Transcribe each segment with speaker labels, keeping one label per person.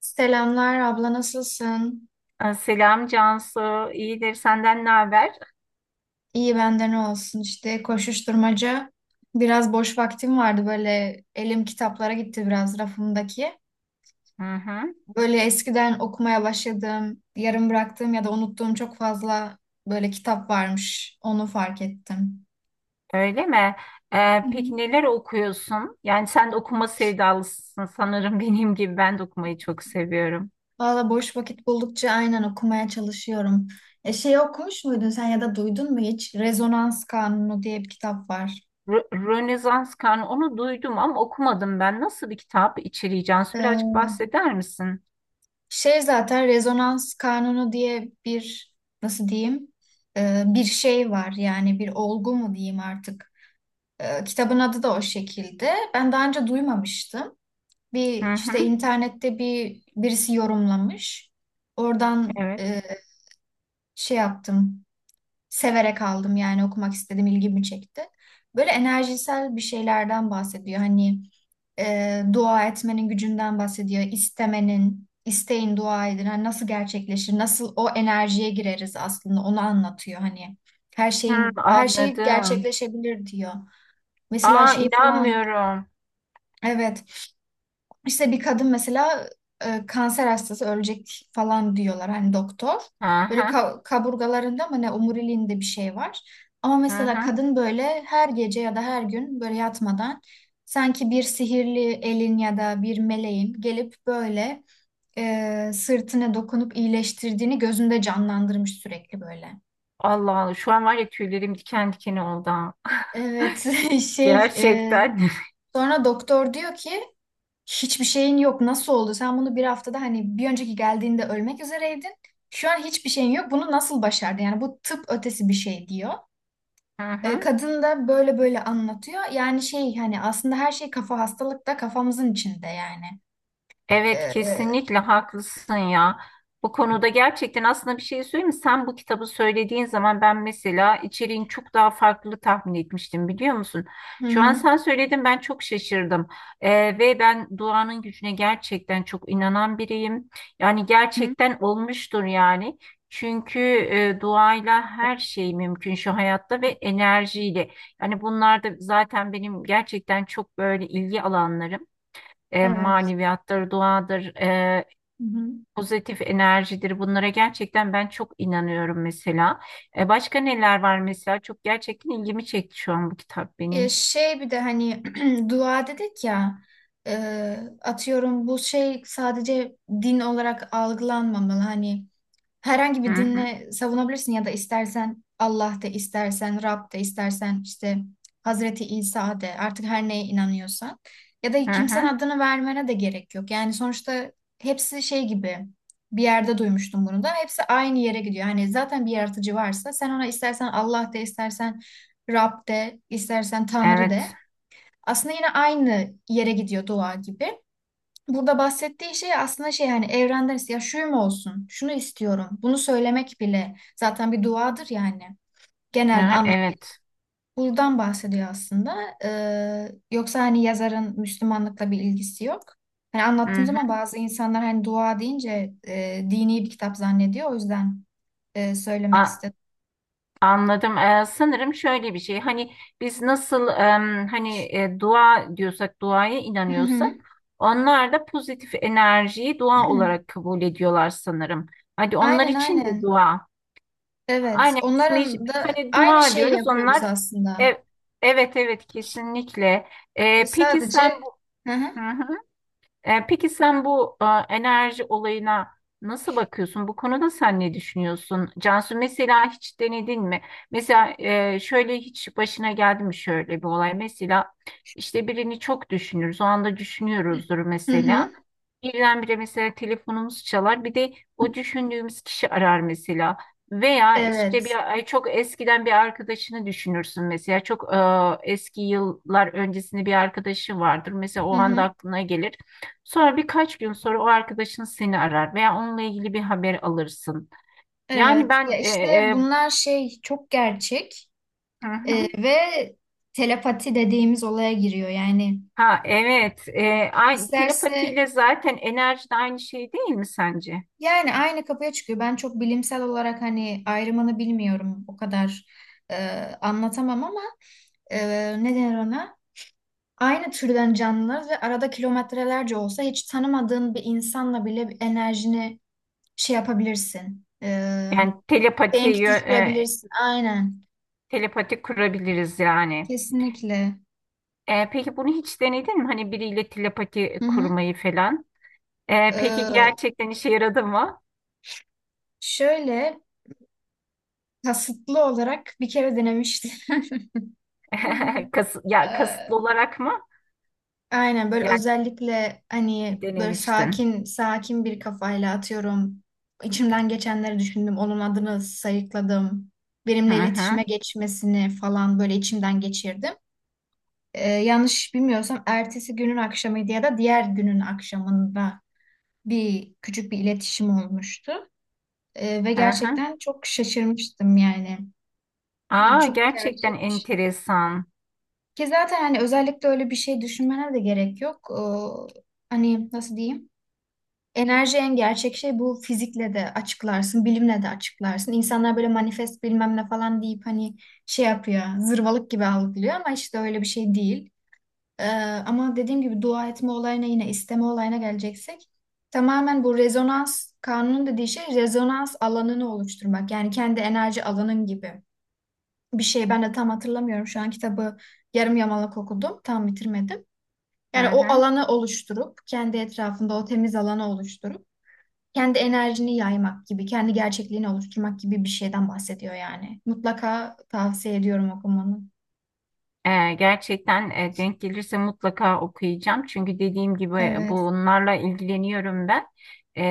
Speaker 1: Selamlar abla nasılsın?
Speaker 2: Selam Cansu, iyidir. Senden ne haber?
Speaker 1: İyi bende ne olsun işte koşuşturmaca. Biraz boş vaktim vardı böyle elim kitaplara gitti biraz rafımdaki.
Speaker 2: Hı hı.
Speaker 1: Böyle eskiden okumaya başladığım, yarım bıraktığım ya da unuttuğum çok fazla böyle kitap varmış. Onu fark ettim.
Speaker 2: Öyle mi?
Speaker 1: Hı hı.
Speaker 2: Peki neler okuyorsun? Yani sen de okuma sevdalısın sanırım benim gibi. Ben de okumayı çok seviyorum.
Speaker 1: Valla boş vakit buldukça aynen okumaya çalışıyorum. Şey okumuş muydun sen ya da duydun mu hiç? Rezonans Kanunu diye bir kitap var.
Speaker 2: Rönesans Karnı onu duydum ama okumadım ben. Nasıl bir kitap içeriği Cansu? Birazcık
Speaker 1: Ee,
Speaker 2: bahseder misin?
Speaker 1: Şey zaten rezonans kanunu diye bir, nasıl diyeyim, bir şey var yani bir olgu mu diyeyim artık. Kitabın adı da o şekilde. Ben daha önce duymamıştım.
Speaker 2: Hı
Speaker 1: İşte
Speaker 2: hı.
Speaker 1: internette birisi yorumlamış. Oradan
Speaker 2: Evet.
Speaker 1: şey yaptım, severek aldım yani okumak istedim, ilgimi çekti. Böyle enerjisel bir şeylerden bahsediyor. Hani dua etmenin gücünden bahsediyor. İstemenin, isteyin dua edin. Hani nasıl gerçekleşir? Nasıl o enerjiye gireriz, aslında onu anlatıyor hani. Her
Speaker 2: Hı,
Speaker 1: şeyin, her şey
Speaker 2: anladım.
Speaker 1: gerçekleşebilir diyor. Mesela
Speaker 2: Aa
Speaker 1: şeyi falan,
Speaker 2: inanmıyorum.
Speaker 1: evet, işte bir kadın mesela kanser hastası ölecek falan diyorlar hani doktor.
Speaker 2: Hı
Speaker 1: Böyle
Speaker 2: hı.
Speaker 1: kaburgalarında mı ne, omuriliğinde bir şey var. Ama
Speaker 2: Hı
Speaker 1: mesela
Speaker 2: hı.
Speaker 1: kadın böyle her gece ya da her gün böyle yatmadan, sanki bir sihirli elin ya da bir meleğin gelip böyle sırtına dokunup iyileştirdiğini gözünde canlandırmış sürekli böyle.
Speaker 2: Allah Allah. Şu an var ya tüylerim diken diken oldu. Ha.
Speaker 1: Evet. Şey
Speaker 2: Gerçekten.
Speaker 1: sonra doktor diyor ki, hiçbir şeyin yok. Nasıl oldu? Sen bunu bir haftada, hani bir önceki geldiğinde ölmek üzereydin. Şu an hiçbir şeyin yok. Bunu nasıl başardın? Yani bu tıp ötesi bir şey diyor.
Speaker 2: Hı hı.
Speaker 1: Kadın da böyle böyle anlatıyor. Yani şey hani aslında her şey kafa, hastalık da kafamızın içinde yani. E,
Speaker 2: Evet
Speaker 1: e,
Speaker 2: kesinlikle haklısın ya. Bu konuda gerçekten aslında bir şey söyleyeyim mi? Sen bu kitabı söylediğin zaman ben mesela içeriğin çok daha farklı tahmin etmiştim biliyor musun?
Speaker 1: hı
Speaker 2: Şu an
Speaker 1: hı.
Speaker 2: sen söyledin ben çok şaşırdım. Ve ben duanın gücüne gerçekten çok inanan biriyim. Yani
Speaker 1: Hı.
Speaker 2: gerçekten olmuştur yani. Çünkü duayla her şey mümkün şu hayatta ve enerjiyle. Yani bunlar da zaten benim gerçekten çok böyle ilgi alanlarım,
Speaker 1: Evet.
Speaker 2: maneviyattır, duadır,
Speaker 1: Hı hı.
Speaker 2: pozitif enerjidir. Bunlara gerçekten ben çok inanıyorum mesela. Başka neler var mesela? Çok gerçekten ilgimi çekti şu an bu kitap benim.
Speaker 1: Şey bir de hani, dua dedik ya, atıyorum bu şey sadece din olarak algılanmamalı. Hani herhangi
Speaker 2: Hı
Speaker 1: bir
Speaker 2: hı,
Speaker 1: dinle savunabilirsin ya da istersen Allah de, istersen Rab de, istersen işte Hazreti İsa de, artık her neye inanıyorsan ya da
Speaker 2: hı
Speaker 1: kimsenin
Speaker 2: hı.
Speaker 1: adını vermene de gerek yok. Yani sonuçta hepsi şey gibi, bir yerde duymuştum bunu da, hepsi aynı yere gidiyor. Hani zaten bir yaratıcı varsa sen ona istersen Allah de, istersen Rab de, istersen Tanrı
Speaker 2: Evet,
Speaker 1: de. Aslında yine aynı yere gidiyor, dua gibi. Burada bahsettiği şey aslında şey hani, evrenden ya şuyum olsun, şunu istiyorum, bunu söylemek bile zaten bir duadır yani,
Speaker 2: hı,
Speaker 1: genel
Speaker 2: hı,
Speaker 1: anlamı.
Speaker 2: evet.
Speaker 1: Buradan bahsediyor aslında. Yoksa hani yazarın Müslümanlıkla bir ilgisi yok. Hani
Speaker 2: Hı
Speaker 1: anlattığım zaman
Speaker 2: hı.
Speaker 1: bazı insanlar hani dua deyince dini bir kitap zannediyor. O yüzden söylemek
Speaker 2: A-
Speaker 1: istedim.
Speaker 2: Anladım. Sanırım şöyle bir şey. Hani biz nasıl hani dua diyorsak, duaya
Speaker 1: Hı
Speaker 2: inanıyorsak,
Speaker 1: hı.
Speaker 2: onlar da pozitif enerjiyi dua olarak kabul ediyorlar sanırım. Hadi onlar
Speaker 1: Aynen,
Speaker 2: için de
Speaker 1: aynen.
Speaker 2: dua.
Speaker 1: Evet,
Speaker 2: Aynen ismi
Speaker 1: onların da
Speaker 2: hani
Speaker 1: aynı
Speaker 2: dua
Speaker 1: şeyi
Speaker 2: diyoruz
Speaker 1: yapıyoruz
Speaker 2: onlar
Speaker 1: aslında.
Speaker 2: e- evet evet kesinlikle. E, peki sen
Speaker 1: Sadece, hı
Speaker 2: Hı
Speaker 1: hı.
Speaker 2: hı. Peki sen bu enerji olayına nasıl bakıyorsun? Bu konuda sen ne düşünüyorsun? Cansu mesela hiç denedin mi? Mesela şöyle hiç başına geldi mi şöyle bir olay? Mesela işte birini çok düşünürüz. O anda düşünüyoruzdur
Speaker 1: Hı hı.
Speaker 2: mesela. Birdenbire mesela telefonumuz çalar. Bir de o düşündüğümüz kişi arar mesela. Veya işte
Speaker 1: Evet.
Speaker 2: bir ay çok eskiden bir arkadaşını düşünürsün mesela. Çok eski yıllar öncesinde bir arkadaşı vardır. Mesela o
Speaker 1: Hı
Speaker 2: anda
Speaker 1: hı.
Speaker 2: aklına gelir. Sonra birkaç gün sonra o arkadaşın seni arar veya onunla ilgili bir haber alırsın. Yani
Speaker 1: Evet.
Speaker 2: ben
Speaker 1: Ya
Speaker 2: e,
Speaker 1: işte
Speaker 2: e,
Speaker 1: bunlar şey, çok gerçek.
Speaker 2: hı hı.
Speaker 1: Ve telepati dediğimiz olaya giriyor. Yani
Speaker 2: Ha evet.
Speaker 1: isterse,
Speaker 2: Telepatiyle zaten enerji de aynı şey değil mi sence?
Speaker 1: yani aynı kapıya çıkıyor. Ben çok bilimsel olarak hani ayrımını bilmiyorum. O kadar e, anlatamam ama e, ne denir ona? Aynı türden canlılar ve arada kilometrelerce olsa, hiç tanımadığın bir insanla bile bir enerjini şey yapabilirsin.
Speaker 2: Yani telepati
Speaker 1: Denk
Speaker 2: yö- e,
Speaker 1: düşürebilirsin. Aynen.
Speaker 2: Telepati kurabiliriz yani.
Speaker 1: Kesinlikle.
Speaker 2: Peki bunu hiç denedin mi? Hani biriyle telepati
Speaker 1: Hı hı.
Speaker 2: kurmayı falan. Peki
Speaker 1: Ee,
Speaker 2: gerçekten işe yaradı mı?
Speaker 1: Şöyle, kasıtlı olarak bir kere denemiştim.
Speaker 2: Kasıtlı
Speaker 1: Ee,
Speaker 2: olarak mı?
Speaker 1: Aynen böyle
Speaker 2: Yani
Speaker 1: özellikle hani böyle
Speaker 2: denemiştin.
Speaker 1: sakin sakin bir kafayla, atıyorum, İçimden geçenleri düşündüm. Onun adını sayıkladım.
Speaker 2: Hı
Speaker 1: Benimle
Speaker 2: hı,
Speaker 1: iletişime geçmesini falan böyle içimden geçirdim. Yanlış bilmiyorsam ertesi günün akşamıydı ya da diğer günün akşamında bir küçük bir iletişim olmuştu. Ve
Speaker 2: hı hı.
Speaker 1: gerçekten çok şaşırmıştım yani.
Speaker 2: Aa
Speaker 1: Çok
Speaker 2: gerçekten
Speaker 1: gerçekmiş.
Speaker 2: enteresan.
Speaker 1: Ki zaten hani özellikle öyle bir şey düşünmene de gerek yok. Hani nasıl diyeyim? Enerji en gerçek şey, bu fizikle de açıklarsın, bilimle de açıklarsın. İnsanlar böyle manifest bilmem ne falan deyip hani şey yapıyor, zırvalık gibi algılıyor ama işte öyle bir şey değil. Ee, Ama dediğim gibi dua etme olayına, yine isteme olayına geleceksek, tamamen bu rezonans kanunun dediği şey, rezonans alanını oluşturmak. Yani kendi enerji alanın gibi bir şey. Ben de tam hatırlamıyorum şu an kitabı, yarım yamalak okudum, tam bitirmedim.
Speaker 2: Hı
Speaker 1: Yani o
Speaker 2: hı.
Speaker 1: alanı oluşturup kendi etrafında o temiz alanı oluşturup kendi enerjini yaymak gibi, kendi gerçekliğini oluşturmak gibi bir şeyden bahsediyor yani. Mutlaka tavsiye ediyorum okumanı.
Speaker 2: Gerçekten denk gelirse mutlaka okuyacağım. Çünkü dediğim gibi
Speaker 1: Evet.
Speaker 2: bunlarla ilgileniyorum ben.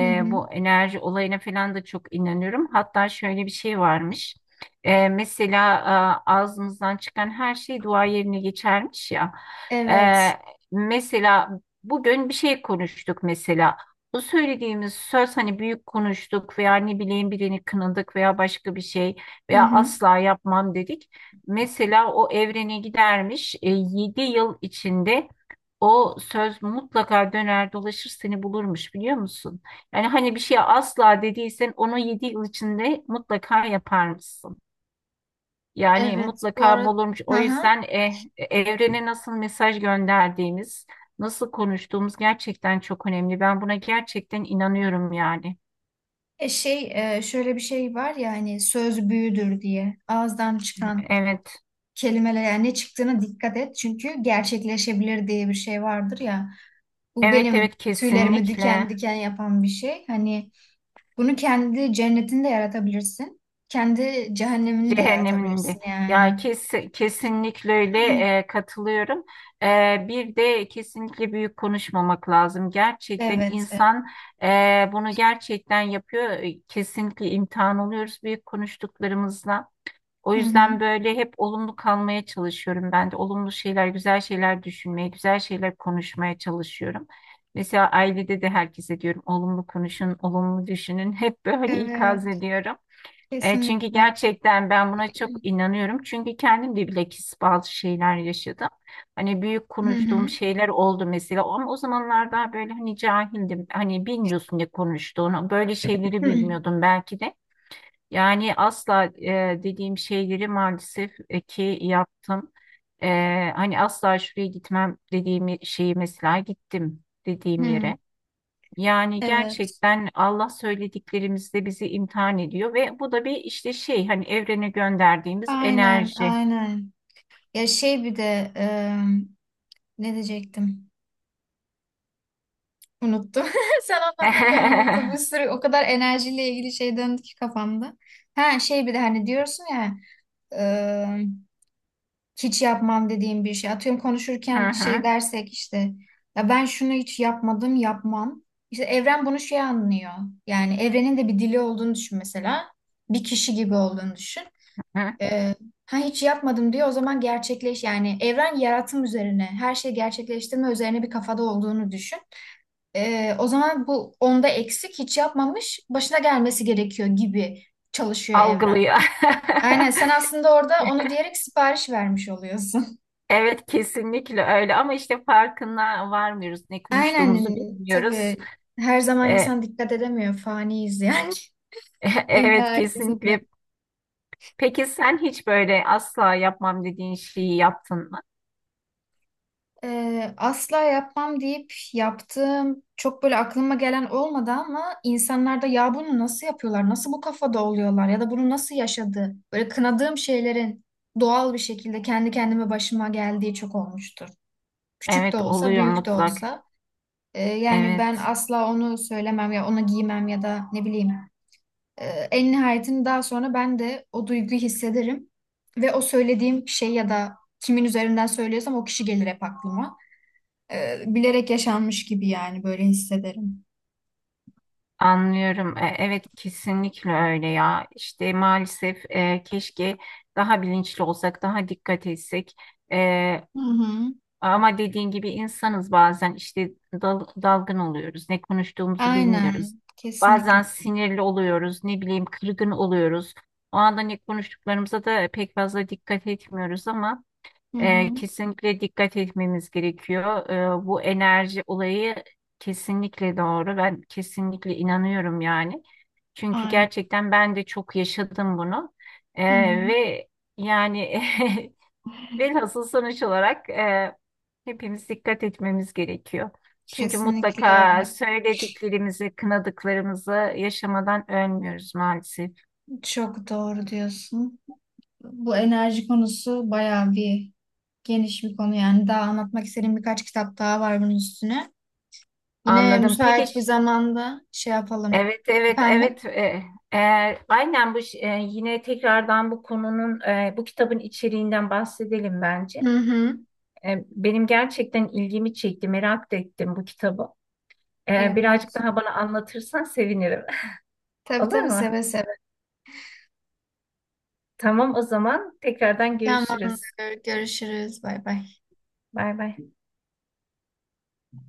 Speaker 1: Hı hı.
Speaker 2: Bu enerji olayına falan da çok inanıyorum. Hatta şöyle bir şey varmış. Mesela ağzımızdan çıkan her şey dua yerine geçermiş ya.
Speaker 1: Evet.
Speaker 2: Ee, Mesela bugün bir şey konuştuk mesela. Bu söylediğimiz söz hani büyük konuştuk veya ne bileyim birini kınadık veya başka bir şey
Speaker 1: Hı
Speaker 2: veya
Speaker 1: hı.
Speaker 2: asla yapmam dedik. Mesela o evrene gidermiş. 7 yıl içinde o söz mutlaka döner dolaşır seni bulurmuş biliyor musun? Yani hani bir şeye asla dediysen onu 7 yıl içinde mutlaka yapar mısın? Yani
Speaker 1: Evet. Bu
Speaker 2: mutlaka
Speaker 1: arada,
Speaker 2: bulurmuş.
Speaker 1: hı
Speaker 2: O
Speaker 1: hı.
Speaker 2: yüzden evrene nasıl mesaj gönderdiğimiz, nasıl konuştuğumuz gerçekten çok önemli. Ben buna gerçekten inanıyorum yani.
Speaker 1: Şey şöyle bir şey var ya hani söz büyüdür diye, ağızdan çıkan
Speaker 2: Evet.
Speaker 1: kelimeler yani ne çıktığına dikkat et çünkü gerçekleşebilir diye bir şey vardır ya. Bu
Speaker 2: Evet
Speaker 1: benim
Speaker 2: evet
Speaker 1: tüylerimi diken
Speaker 2: kesinlikle.
Speaker 1: diken yapan bir şey. Hani bunu, kendi cennetini de yaratabilirsin. Kendi cehennemini de
Speaker 2: Cehenneminde.
Speaker 1: yaratabilirsin yani.
Speaker 2: Ya kes, kesinlikle öyle, katılıyorum. Bir de kesinlikle büyük konuşmamak lazım. Gerçekten
Speaker 1: Evet. Evet.
Speaker 2: insan bunu gerçekten yapıyor. Kesinlikle imtihan oluyoruz büyük konuştuklarımızla. O
Speaker 1: Hı hı.
Speaker 2: yüzden böyle hep olumlu kalmaya çalışıyorum ben de. Olumlu şeyler, güzel şeyler düşünmeye, güzel şeyler konuşmaya çalışıyorum. Mesela ailede de herkese diyorum olumlu konuşun, olumlu düşünün. Hep böyle ikaz
Speaker 1: Evet.
Speaker 2: ediyorum. Çünkü
Speaker 1: Kesinlikle.
Speaker 2: gerçekten ben buna çok inanıyorum. Çünkü kendim de bilakis bazı şeyler yaşadım. Hani büyük
Speaker 1: Hı
Speaker 2: konuştuğum
Speaker 1: hı.
Speaker 2: şeyler oldu mesela. Ama o zamanlar daha böyle hani cahildim. Hani bilmiyorsun ne konuştuğunu. Böyle şeyleri
Speaker 1: Hı.
Speaker 2: bilmiyordum belki de. Yani asla dediğim şeyleri maalesef ki yaptım. E, Hani asla şuraya gitmem dediğim şeyi mesela gittim dediğim
Speaker 1: Hı.
Speaker 2: yere. Yani
Speaker 1: Evet.
Speaker 2: gerçekten Allah söylediklerimizde bizi imtihan ediyor ve bu da bir işte şey hani evrene gönderdiğimiz
Speaker 1: Aynen,
Speaker 2: enerji.
Speaker 1: aynen. Ya şey bir de ne diyecektim? Unuttum. Sen anlatırken unuttum. Bir sürü, o kadar enerjiyle ilgili şey döndü ki kafamda. Ha şey bir de hani diyorsun ya, hiç yapmam dediğim bir şey. Atıyorum
Speaker 2: Hı
Speaker 1: konuşurken şey
Speaker 2: hı,
Speaker 1: dersek işte, ya ben şunu hiç yapmadım, yapmam. İşte evren bunu şey anlıyor. Yani evrenin de bir dili olduğunu düşün mesela. Bir kişi gibi olduğunu düşün.
Speaker 2: hı.
Speaker 1: Ee, ha, hiç yapmadım diyor, o zaman gerçekleş yani, evren yaratım üzerine, her şeyi gerçekleştirme üzerine bir kafada olduğunu düşün. O zaman bu onda eksik, hiç yapmamış, başına gelmesi gerekiyor gibi çalışıyor evren.
Speaker 2: Algılıyor.
Speaker 1: Aynen, sen aslında orada onu diyerek sipariş vermiş oluyorsun.
Speaker 2: Evet kesinlikle öyle ama işte farkına varmıyoruz. Ne konuştuğumuzu
Speaker 1: Aynen,
Speaker 2: bilmiyoruz.
Speaker 1: tabii, her zaman
Speaker 2: E,
Speaker 1: insan dikkat edemiyor, faniyiz yani, en
Speaker 2: evet
Speaker 1: nihayetinde.
Speaker 2: kesinlikle. Peki sen hiç böyle asla yapmam dediğin şeyi yaptın mı?
Speaker 1: Asla yapmam deyip yaptığım çok böyle aklıma gelen olmadı, ama insanlarda ya bunu nasıl yapıyorlar, nasıl bu kafada oluyorlar ya da bunu nasıl yaşadı, böyle kınadığım şeylerin doğal bir şekilde kendi kendime başıma geldiği çok olmuştur. Küçük de
Speaker 2: Evet
Speaker 1: olsa,
Speaker 2: oluyor
Speaker 1: büyük de
Speaker 2: mutlak.
Speaker 1: olsa. Yani ben
Speaker 2: Evet.
Speaker 1: asla onu söylemem ya onu giymem ya da ne bileyim. Ee, En nihayetinde daha sonra ben de o duyguyu hissederim. Ve o söylediğim şey ya da kimin üzerinden söylüyorsam, o kişi gelir hep aklıma. Bilerek yaşanmış gibi yani böyle hissederim.
Speaker 2: Anlıyorum. Evet kesinlikle öyle ya. İşte maalesef keşke daha bilinçli olsak, daha dikkat etsek. E,
Speaker 1: Hı hı.
Speaker 2: Ama dediğin gibi insanız bazen işte dalgın oluyoruz. Ne konuştuğumuzu bilmiyoruz.
Speaker 1: Aynen. Kesinlikle.
Speaker 2: Bazen sinirli oluyoruz, ne bileyim kırgın oluyoruz. O anda ne konuştuklarımıza da pek fazla dikkat etmiyoruz ama
Speaker 1: Hı hı.
Speaker 2: kesinlikle dikkat etmemiz gerekiyor. Bu enerji olayı kesinlikle doğru. Ben kesinlikle inanıyorum yani. Çünkü
Speaker 1: Aynen.
Speaker 2: gerçekten ben de çok yaşadım bunu. Ee,
Speaker 1: Hı hı.
Speaker 2: ve yani velhasıl sonuç olarak hepimiz dikkat etmemiz gerekiyor. Çünkü
Speaker 1: Kesinlikle öyle.
Speaker 2: mutlaka söylediklerimizi, kınadıklarımızı yaşamadan ölmüyoruz maalesef.
Speaker 1: Çok doğru diyorsun. Bu enerji konusu bayağı bir geniş bir konu yani. Daha anlatmak istediğim birkaç kitap daha var bunun üstüne. Yine
Speaker 2: Anladım. Peki.
Speaker 1: müsait bir zamanda şey yapalım.
Speaker 2: Evet, evet,
Speaker 1: Efendim?
Speaker 2: evet. E, aynen bu yine tekrardan bu konunun, bu kitabın içeriğinden bahsedelim bence.
Speaker 1: Hı hı.
Speaker 2: Benim gerçekten ilgimi çekti, merak da ettim bu kitabı. Birazcık
Speaker 1: Evet.
Speaker 2: daha bana anlatırsan sevinirim.
Speaker 1: Tabii
Speaker 2: Olur
Speaker 1: tabii,
Speaker 2: mu?
Speaker 1: seve seve.
Speaker 2: Tamam, o zaman tekrardan görüşürüz.
Speaker 1: Tamamdır. Görüşürüz. Bay bay.
Speaker 2: Bay bay.